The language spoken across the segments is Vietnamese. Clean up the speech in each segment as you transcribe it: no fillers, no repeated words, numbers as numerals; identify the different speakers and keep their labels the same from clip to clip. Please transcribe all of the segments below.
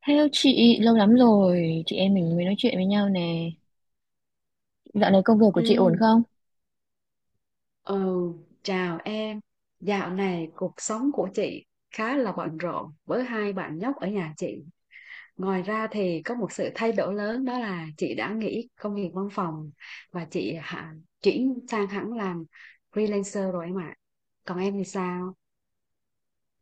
Speaker 1: Hello chị, lâu lắm rồi chị em mình mới nói chuyện với nhau nè. Dạo này công việc của chị ổn
Speaker 2: Ừ,
Speaker 1: không?
Speaker 2: ừ, chào em. Dạo này cuộc sống của chị khá là bận rộn với hai bạn nhóc ở nhà chị. Ngoài ra thì có một sự thay đổi lớn, đó là chị đã nghỉ công việc văn phòng và chuyển sang hẳn làm freelancer rồi em ạ. Còn em thì sao?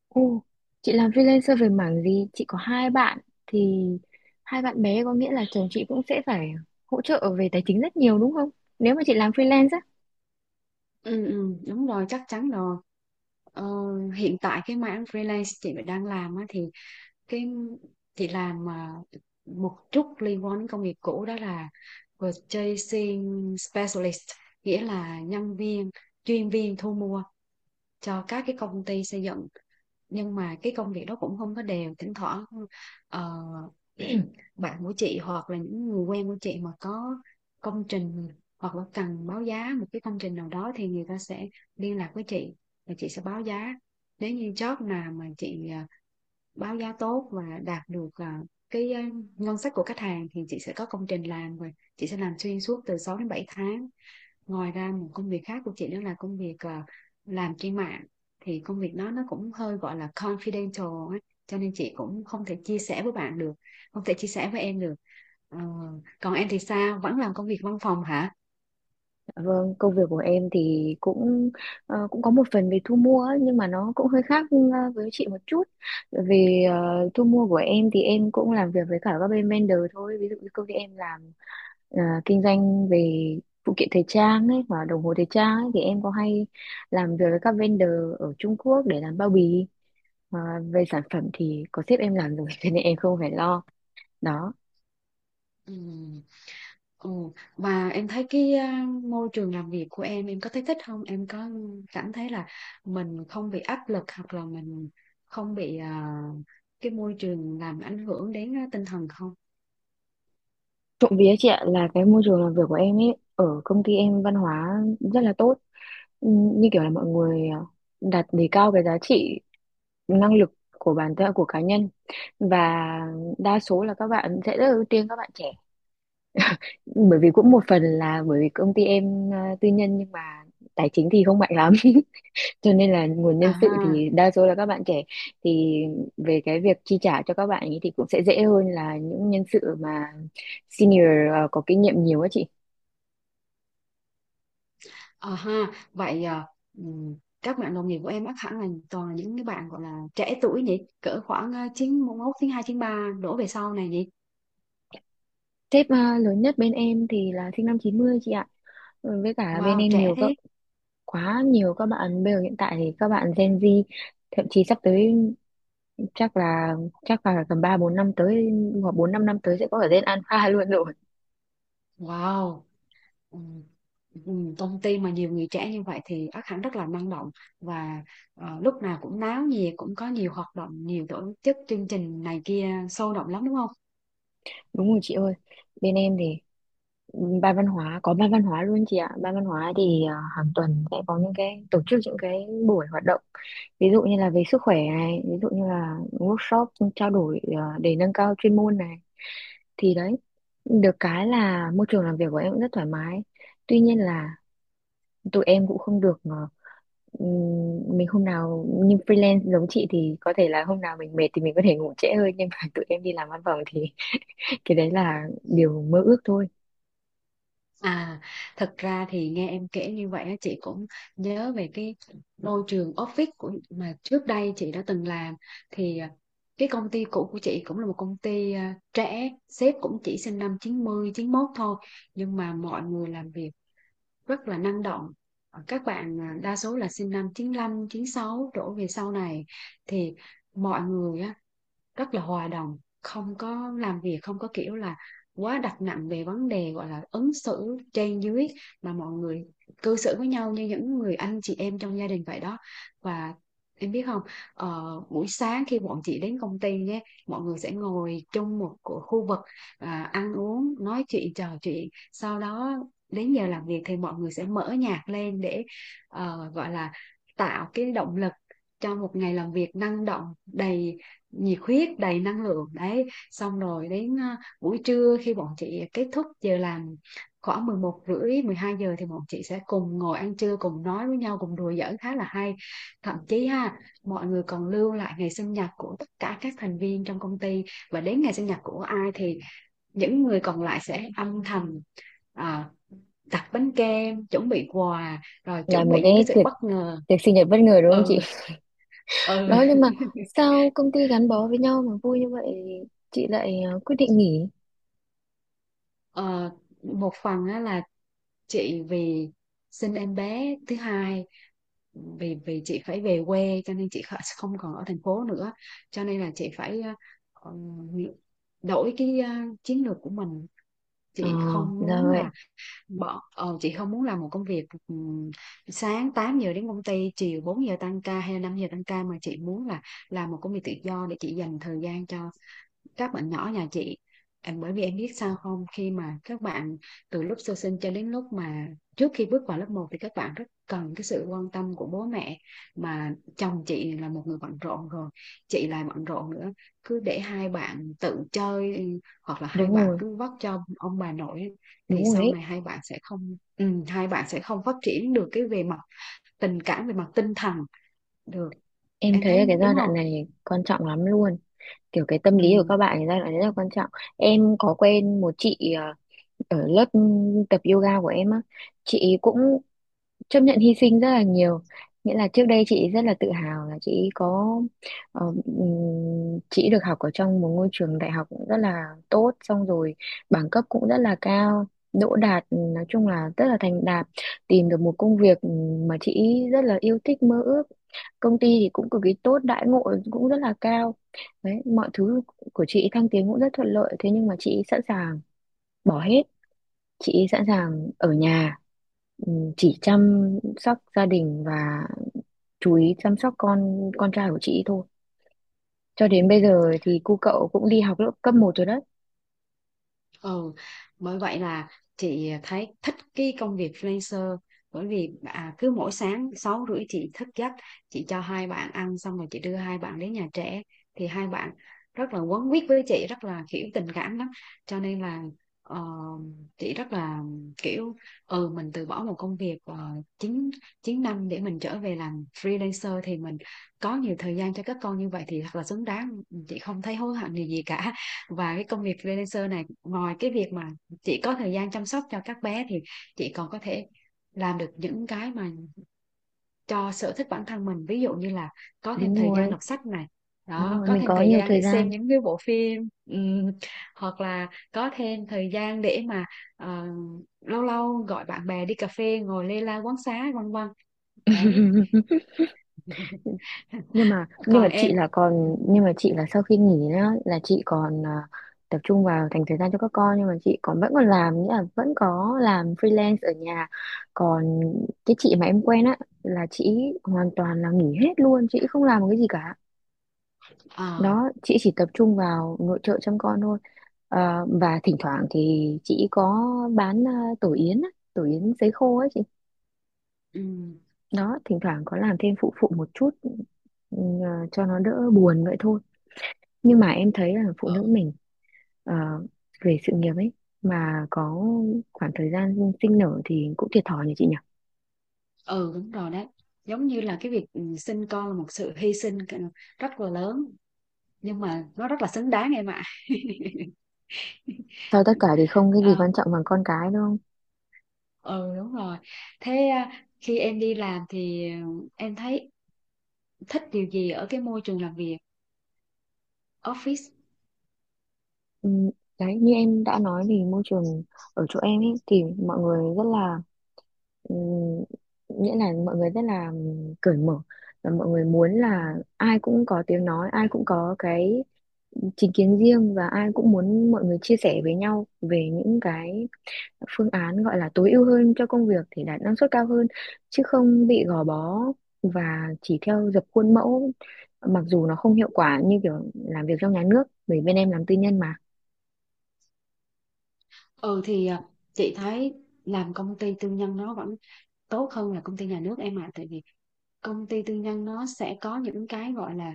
Speaker 1: Ồ, chị làm freelancer về mảng gì? Chị có hai bạn thì hai bạn bé có nghĩa là chồng chị cũng sẽ phải hỗ trợ về tài chính rất nhiều đúng không? Nếu mà chị làm freelance á.
Speaker 2: Ừ, ừ, đúng rồi, chắc chắn rồi. Ờ, hiện tại cái mảng freelance chị đang làm á, thì cái chị làm một chút liên quan đến công nghiệp cũ, đó là purchasing specialist, nghĩa là nhân viên, chuyên viên thu mua cho các cái công ty xây dựng. Nhưng mà cái công việc đó cũng không có đều, thỉnh thoảng ờ, bạn của chị hoặc là những người quen của chị mà có công trình hoặc là cần báo giá một cái công trình nào đó thì người ta sẽ liên lạc với chị và chị sẽ báo giá. Nếu như job nào mà chị báo giá tốt và đạt được cái à, ngân sách của khách hàng thì chị sẽ có công trình làm và chị sẽ làm xuyên suốt từ 6 đến 7 tháng. Ngoài ra một công việc khác của chị đó là công việc làm trên mạng, thì công việc đó nó cũng hơi gọi là confidential ấy. Cho nên chị cũng không thể chia sẻ với bạn được, không thể chia sẻ với em được. Ờ, còn em thì sao? Vẫn làm công việc văn phòng hả?
Speaker 1: Dạ vâng, công việc của em thì cũng cũng có một phần về thu mua ấy, nhưng mà nó cũng hơi khác với chị một chút. Bởi vì thu mua của em thì em cũng làm việc với cả các bên vendor thôi. Ví dụ như công ty em làm ờ, kinh doanh về phụ kiện thời trang ấy và đồng hồ thời trang ấy thì em có hay làm việc với các vendor ở Trung Quốc để làm bao bì. Ờ, Về sản phẩm thì có sếp em làm rồi cho nên em không phải lo đó.
Speaker 2: Ừ. Ồ, và em thấy cái môi trường làm việc của em có thấy thích không? Em có cảm thấy là mình không bị áp lực hoặc là mình không bị cái môi trường làm ảnh hưởng đến tinh thần không?
Speaker 1: Trộm vía chị ạ, là cái môi trường làm việc của em ấy ở công ty em văn hóa rất là tốt. Ừ, như kiểu là mọi người đặt đề cao cái giá trị năng lực của bản thân, của cá nhân, và đa số là các bạn sẽ rất là ưu tiên các bạn trẻ, bởi vì cũng một phần là bởi vì công ty em tư nhân nhưng mà tài chính thì không mạnh lắm cho nên là nguồn
Speaker 2: À
Speaker 1: nhân sự
Speaker 2: ha.
Speaker 1: thì đa số là các bạn trẻ. Thì về cái việc chi trả cho các bạn ấy thì cũng sẽ dễ hơn là những nhân sự mà senior, có kinh nghiệm nhiều á chị.
Speaker 2: À ha, vậy ừm, các bạn đồng nghiệp của em ác hẳn là toàn là những cái bạn gọi là trẻ tuổi nhỉ, cỡ khoảng 91, 92, 93 đổ về sau này nhỉ.
Speaker 1: Sếp lớn nhất bên em thì là sinh năm 90 chị ạ. Ừ, với cả bên
Speaker 2: Wow,
Speaker 1: em
Speaker 2: trẻ
Speaker 1: nhiều các
Speaker 2: thế.
Speaker 1: quá nhiều các bạn bây giờ, hiện tại thì các bạn Gen Z, thậm chí sắp tới chắc là chắc là tầm ba bốn năm tới hoặc bốn năm năm tới sẽ có ở Gen Alpha luôn rồi.
Speaker 2: Wow. Ừm, công ty mà nhiều người trẻ như vậy thì ác hẳn rất là năng động và lúc nào cũng náo nhiệt, cũng có nhiều hoạt động, nhiều tổ chức chương trình này kia sôi động lắm đúng không?
Speaker 1: Đúng rồi chị ơi, bên em thì có ban văn hóa luôn chị ạ. Ban văn hóa thì hàng tuần sẽ có những cái tổ chức những cái buổi hoạt động. Ví dụ như là về sức khỏe này, ví dụ như là workshop trao đổi để nâng cao chuyên môn này. Thì đấy, được cái là môi trường làm việc của em cũng rất thoải mái. Tuy nhiên là tụi em cũng không được mình hôm nào như freelance giống chị thì có thể là hôm nào mình mệt thì mình có thể ngủ trễ hơn, nhưng mà tụi em đi làm văn phòng thì cái đấy là điều mơ ước thôi.
Speaker 2: À, thật ra thì nghe em kể như vậy á, chị cũng nhớ về cái môi trường office của mà trước đây chị đã từng làm, thì cái công ty cũ của chị cũng là một công ty trẻ, sếp cũng chỉ sinh năm 90, 91 thôi, nhưng mà mọi người làm việc rất là năng động. Ờ, các bạn đa số là sinh năm 95, 96 đổ về sau này, thì mọi người rất là hòa đồng, không có làm việc không có kiểu là quá đặt nặng về vấn đề gọi là ứng xử trên dưới, mà mọi người cư xử với nhau như những người anh chị em trong gia đình vậy đó. Và em biết không, buổi sáng khi bọn chị đến công ty nhé, mọi người sẽ ngồi chung một khu vực, ăn uống nói chuyện trò chuyện, sau đó đến giờ làm việc thì mọi người sẽ mở nhạc lên để gọi là tạo cái động lực cho một ngày làm việc năng động, đầy nhiệt huyết đầy năng lượng đấy. Xong rồi đến buổi trưa khi bọn chị kết thúc giờ làm khoảng 11 rưỡi 12 giờ thì bọn chị sẽ cùng ngồi ăn trưa, cùng nói với nhau, cùng đùa giỡn khá là hay. Thậm chí ha, mọi người còn lưu lại ngày sinh nhật của tất cả các thành viên trong công ty, và đến ngày sinh nhật của ai thì những người còn lại sẽ âm thầm à, đặt bánh kem, chuẩn bị quà, rồi
Speaker 1: Là
Speaker 2: chuẩn
Speaker 1: một
Speaker 2: bị những cái
Speaker 1: cái
Speaker 2: sự
Speaker 1: tiệc
Speaker 2: bất ngờ.
Speaker 1: tiệc sinh nhật bất ngờ đúng không chị?
Speaker 2: Ừ. Ừ.
Speaker 1: Đó, nhưng mà sao công ty gắn bó với nhau mà vui như vậy chị lại quyết định nghỉ?
Speaker 2: Ờ, một phần á, là chị vì sinh em bé thứ hai, vì vì chị phải về quê cho nên chị không còn ở thành phố nữa, cho nên là chị phải ờ, đổi cái chiến lược của mình.
Speaker 1: ờ
Speaker 2: Chị không
Speaker 1: là
Speaker 2: muốn
Speaker 1: vậy.
Speaker 2: là chị không muốn làm một công việc sáng 8 giờ đến công ty, chiều 4 giờ tăng ca hay là 5 giờ tăng ca, mà chị muốn là làm một công việc tự do để chị dành thời gian cho các bạn nhỏ nhà chị. Bởi vì em biết sao không, khi mà các bạn từ lúc sơ sinh cho đến lúc mà trước khi bước vào lớp một thì các bạn rất cần cái sự quan tâm của bố mẹ, mà chồng chị là một người bận rộn rồi, chị lại bận rộn nữa, cứ để hai bạn tự chơi, ừ, hoặc là hai
Speaker 1: Đúng
Speaker 2: bạn
Speaker 1: rồi,
Speaker 2: cứ vất cho ông bà nội, thì
Speaker 1: đúng rồi
Speaker 2: sau
Speaker 1: ấy.
Speaker 2: này hai bạn sẽ không, ừ, hai bạn sẽ không phát triển được cái về mặt tình cảm, về mặt tinh thần được.
Speaker 1: Em
Speaker 2: Em
Speaker 1: thấy là
Speaker 2: thấy
Speaker 1: cái giai
Speaker 2: đúng không.
Speaker 1: đoạn này quan trọng lắm luôn, kiểu cái tâm lý của
Speaker 2: Ừ.
Speaker 1: các bạn thì giai đoạn này rất là quan trọng. Em có quen một chị ở lớp tập yoga của em á, chị cũng chấp nhận hy sinh rất là nhiều, nghĩa là trước đây chị rất là tự hào là chị có chị được học ở trong một ngôi trường đại học cũng rất là tốt, xong rồi bằng cấp cũng rất là cao, đỗ đạt, nói chung là rất là thành đạt, tìm được một công việc mà chị rất là yêu thích, mơ ước, công ty thì cũng cực kỳ tốt, đãi ngộ cũng rất là cao, đấy mọi thứ của chị thăng tiến cũng rất thuận lợi, thế nhưng mà chị sẵn sàng bỏ hết, chị sẵn sàng ở nhà, chỉ chăm sóc gia đình và chú ý chăm sóc con trai của chị thôi, cho
Speaker 2: Ừ.
Speaker 1: đến bây giờ thì cu cậu cũng đi học lớp cấp một rồi đấy.
Speaker 2: Ừ, bởi vậy là chị thấy thích cái công việc freelancer, bởi vì cứ mỗi sáng 6 rưỡi chị thức giấc, chị cho hai bạn ăn xong rồi chị đưa hai bạn đến nhà trẻ, thì hai bạn rất là quấn quýt với chị, rất là kiểu tình cảm lắm. Cho nên là ờ, chị rất là kiểu, ừ, mình từ bỏ một công việc chín chín năm để mình trở về làm freelancer thì mình có nhiều thời gian cho các con, như vậy thì thật là xứng đáng, chị không thấy hối hận gì gì cả. Và cái công việc freelancer này, ngoài cái việc mà chị có thời gian chăm sóc cho các bé thì chị còn có thể làm được những cái mà cho sở thích bản thân mình, ví dụ như là có thêm
Speaker 1: Đúng
Speaker 2: thời gian
Speaker 1: rồi,
Speaker 2: đọc sách này,
Speaker 1: đúng
Speaker 2: đó,
Speaker 1: rồi,
Speaker 2: có
Speaker 1: mình
Speaker 2: thêm
Speaker 1: có
Speaker 2: thời
Speaker 1: nhiều
Speaker 2: gian
Speaker 1: thời
Speaker 2: để xem
Speaker 1: gian.
Speaker 2: những cái bộ phim, hoặc là có thêm thời gian để mà ờ, lâu lâu gọi bạn bè đi cà phê ngồi lê la quán xá vân vân, đấy.
Speaker 1: nhưng mà nhưng mà
Speaker 2: Còn
Speaker 1: chị
Speaker 2: em.
Speaker 1: là còn, nhưng mà chị là sau khi nghỉ á, là chị còn tập trung vào dành thời gian cho các con, nhưng mà chị còn vẫn còn làm, nghĩa là vẫn có làm freelance ở nhà. Còn cái chị mà em quen á, là chị hoàn toàn là nghỉ hết luôn, chị không làm một cái gì cả,
Speaker 2: Ờ,
Speaker 1: đó chị chỉ tập trung vào nội trợ chăm con thôi. Ờ, và thỉnh thoảng thì chị có bán tổ yến á, tổ yến sấy khô ấy chị,
Speaker 2: ừm.
Speaker 1: đó thỉnh thoảng có làm thêm phụ phụ một chút, ừ, cho nó đỡ buồn vậy thôi. Nhưng mà em thấy là phụ nữ mình ờ, về sự nghiệp ấy mà có khoảng thời gian sinh nở thì cũng thiệt thòi nhỉ chị nhỉ?
Speaker 2: Ừ đúng rồi đấy, giống như là cái việc, ừ, sinh con là một sự hy sinh rất là lớn, nhưng mà nó rất là xứng đáng em ạ.
Speaker 1: Sau tất cả thì không cái gì
Speaker 2: À,
Speaker 1: quan trọng bằng con cái đúng không?
Speaker 2: ừ đúng rồi. Thế khi em đi làm thì, ừ, em thấy thích điều gì ở cái môi trường làm việc, office?
Speaker 1: Ừ, đấy như em đã nói thì môi trường ở chỗ em ấy thì mọi người rất là ừ, nghĩa là mọi người rất là cởi mở, và mọi người muốn
Speaker 2: Ừ.
Speaker 1: là ai cũng có tiếng nói, ai cũng có cái chính kiến riêng, và ai cũng muốn mọi người chia sẻ với nhau về những cái phương án gọi là tối ưu hơn cho công việc để đạt năng suất cao hơn, chứ không bị gò bó và chỉ theo dập khuôn mẫu, mặc dù nó không hiệu quả như kiểu làm việc trong nhà nước, bởi bên em làm tư nhân mà.
Speaker 2: Ừ, chị thấy làm công ty tư nhân nó vẫn tốt hơn là công ty nhà nước em ạ. Tại vì công ty tư nhân nó sẽ có những cái gọi là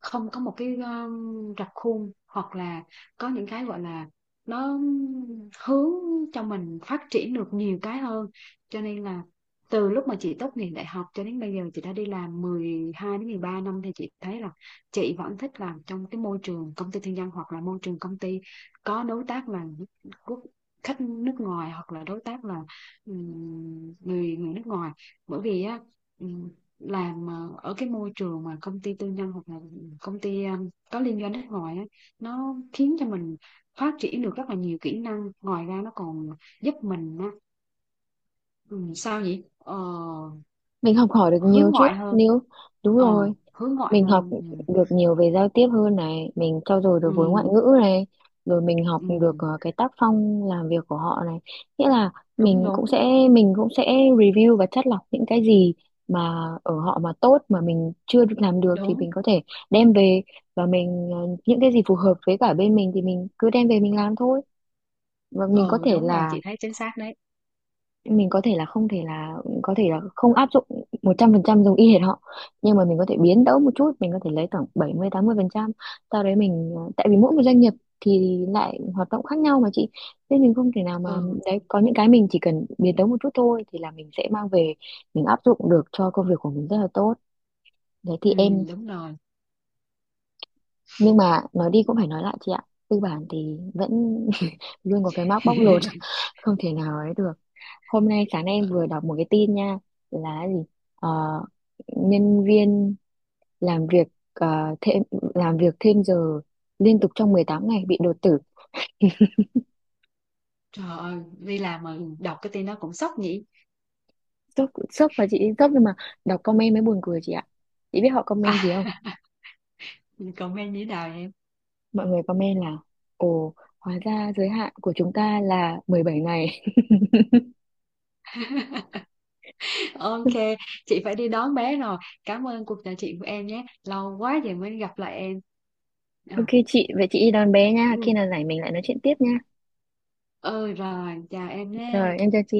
Speaker 2: không có một cái rập khuôn, hoặc là có những cái gọi là nó hướng cho mình phát triển được nhiều cái hơn. Cho nên là từ lúc mà chị tốt nghiệp đại học cho đến bây giờ chị đã đi làm 12 đến 13 năm thì chị thấy là chị vẫn thích làm trong cái môi trường công ty tư nhân, hoặc là môi trường công ty có đối tác là quốc khách nước ngoài, hoặc là đối tác là người người nước ngoài. Bởi vì á, ừm, làm ở cái môi trường mà công ty tư nhân, hoặc là công ty có liên doanh nước ngoài á, nó khiến cho mình phát triển được rất là nhiều kỹ năng. Ngoài ra nó còn giúp mình á, ừ, sao nhỉ,
Speaker 1: Mình học hỏi được nhiều
Speaker 2: hướng
Speaker 1: chứ
Speaker 2: ngoại hơn.
Speaker 1: nếu, đúng
Speaker 2: Ờ
Speaker 1: rồi,
Speaker 2: hướng ngoại
Speaker 1: mình học
Speaker 2: hơn, ừ,
Speaker 1: được nhiều về giao tiếp hơn này, mình trau dồi được vốn ngoại
Speaker 2: ừ,
Speaker 1: ngữ này, rồi mình học được
Speaker 2: ừ,
Speaker 1: cái tác phong làm việc của họ này, nghĩa là
Speaker 2: đúng
Speaker 1: mình cũng
Speaker 2: đúng
Speaker 1: sẽ mình cũng sẽ review và chắt lọc những cái gì mà ở họ mà tốt mà mình chưa được làm được thì
Speaker 2: đúng
Speaker 1: mình có thể đem về, và mình những cái gì phù hợp với cả bên mình thì mình cứ đem về mình làm thôi, và mình có
Speaker 2: Ừ
Speaker 1: thể
Speaker 2: đúng rồi,
Speaker 1: là
Speaker 2: chị thấy chính xác đấy.
Speaker 1: mình có thể là không, thể là có thể là không áp dụng 100% giống y hệt họ. Nhưng mà mình có thể biến tấu một chút, mình có thể lấy khoảng bảy mươi mươi 80%, sau đấy mình tại vì mỗi một doanh nghiệp thì lại hoạt động khác nhau mà chị, nên mình không thể nào mà,
Speaker 2: Ừ.
Speaker 1: đấy có những cái mình chỉ cần biến tấu một chút thôi thì là mình sẽ mang về mình áp dụng được cho công việc của mình rất là tốt, đấy thì
Speaker 2: Ừ
Speaker 1: em.
Speaker 2: đúng rồi.
Speaker 1: Nhưng mà nói đi cũng phải nói lại chị ạ, tư bản thì vẫn luôn có cái mác bóc lột, không thể nào ấy được. Hôm nay sáng nay em vừa đọc một cái tin nha, là cái gì? Ờ, nhân viên làm việc ờ, thêm làm việc thêm giờ liên tục trong 18 ngày bị đột tử.
Speaker 2: Trời ơi, đi làm mà đọc cái tin đó cũng sốc nhỉ.
Speaker 1: Sốc sốc, và chị sốc, nhưng mà đọc comment mới buồn cười chị ạ, chị biết họ
Speaker 2: À,
Speaker 1: comment gì không?
Speaker 2: comment như thế nào em?
Speaker 1: Mọi người comment là, ồ, hóa ra giới hạn của chúng ta là 17 ngày.
Speaker 2: Ok, chị phải đi đón bé rồi. Cảm ơn cuộc trò chuyện của em nhé. Lâu quá rồi mới gặp lại em.
Speaker 1: OK
Speaker 2: À,
Speaker 1: chị, vậy chị đi đón bé nha, khi
Speaker 2: ừ.
Speaker 1: nào rảnh mình lại nói chuyện tiếp nha.
Speaker 2: Ừ rồi, chào em nhé.
Speaker 1: Rồi em chào chị.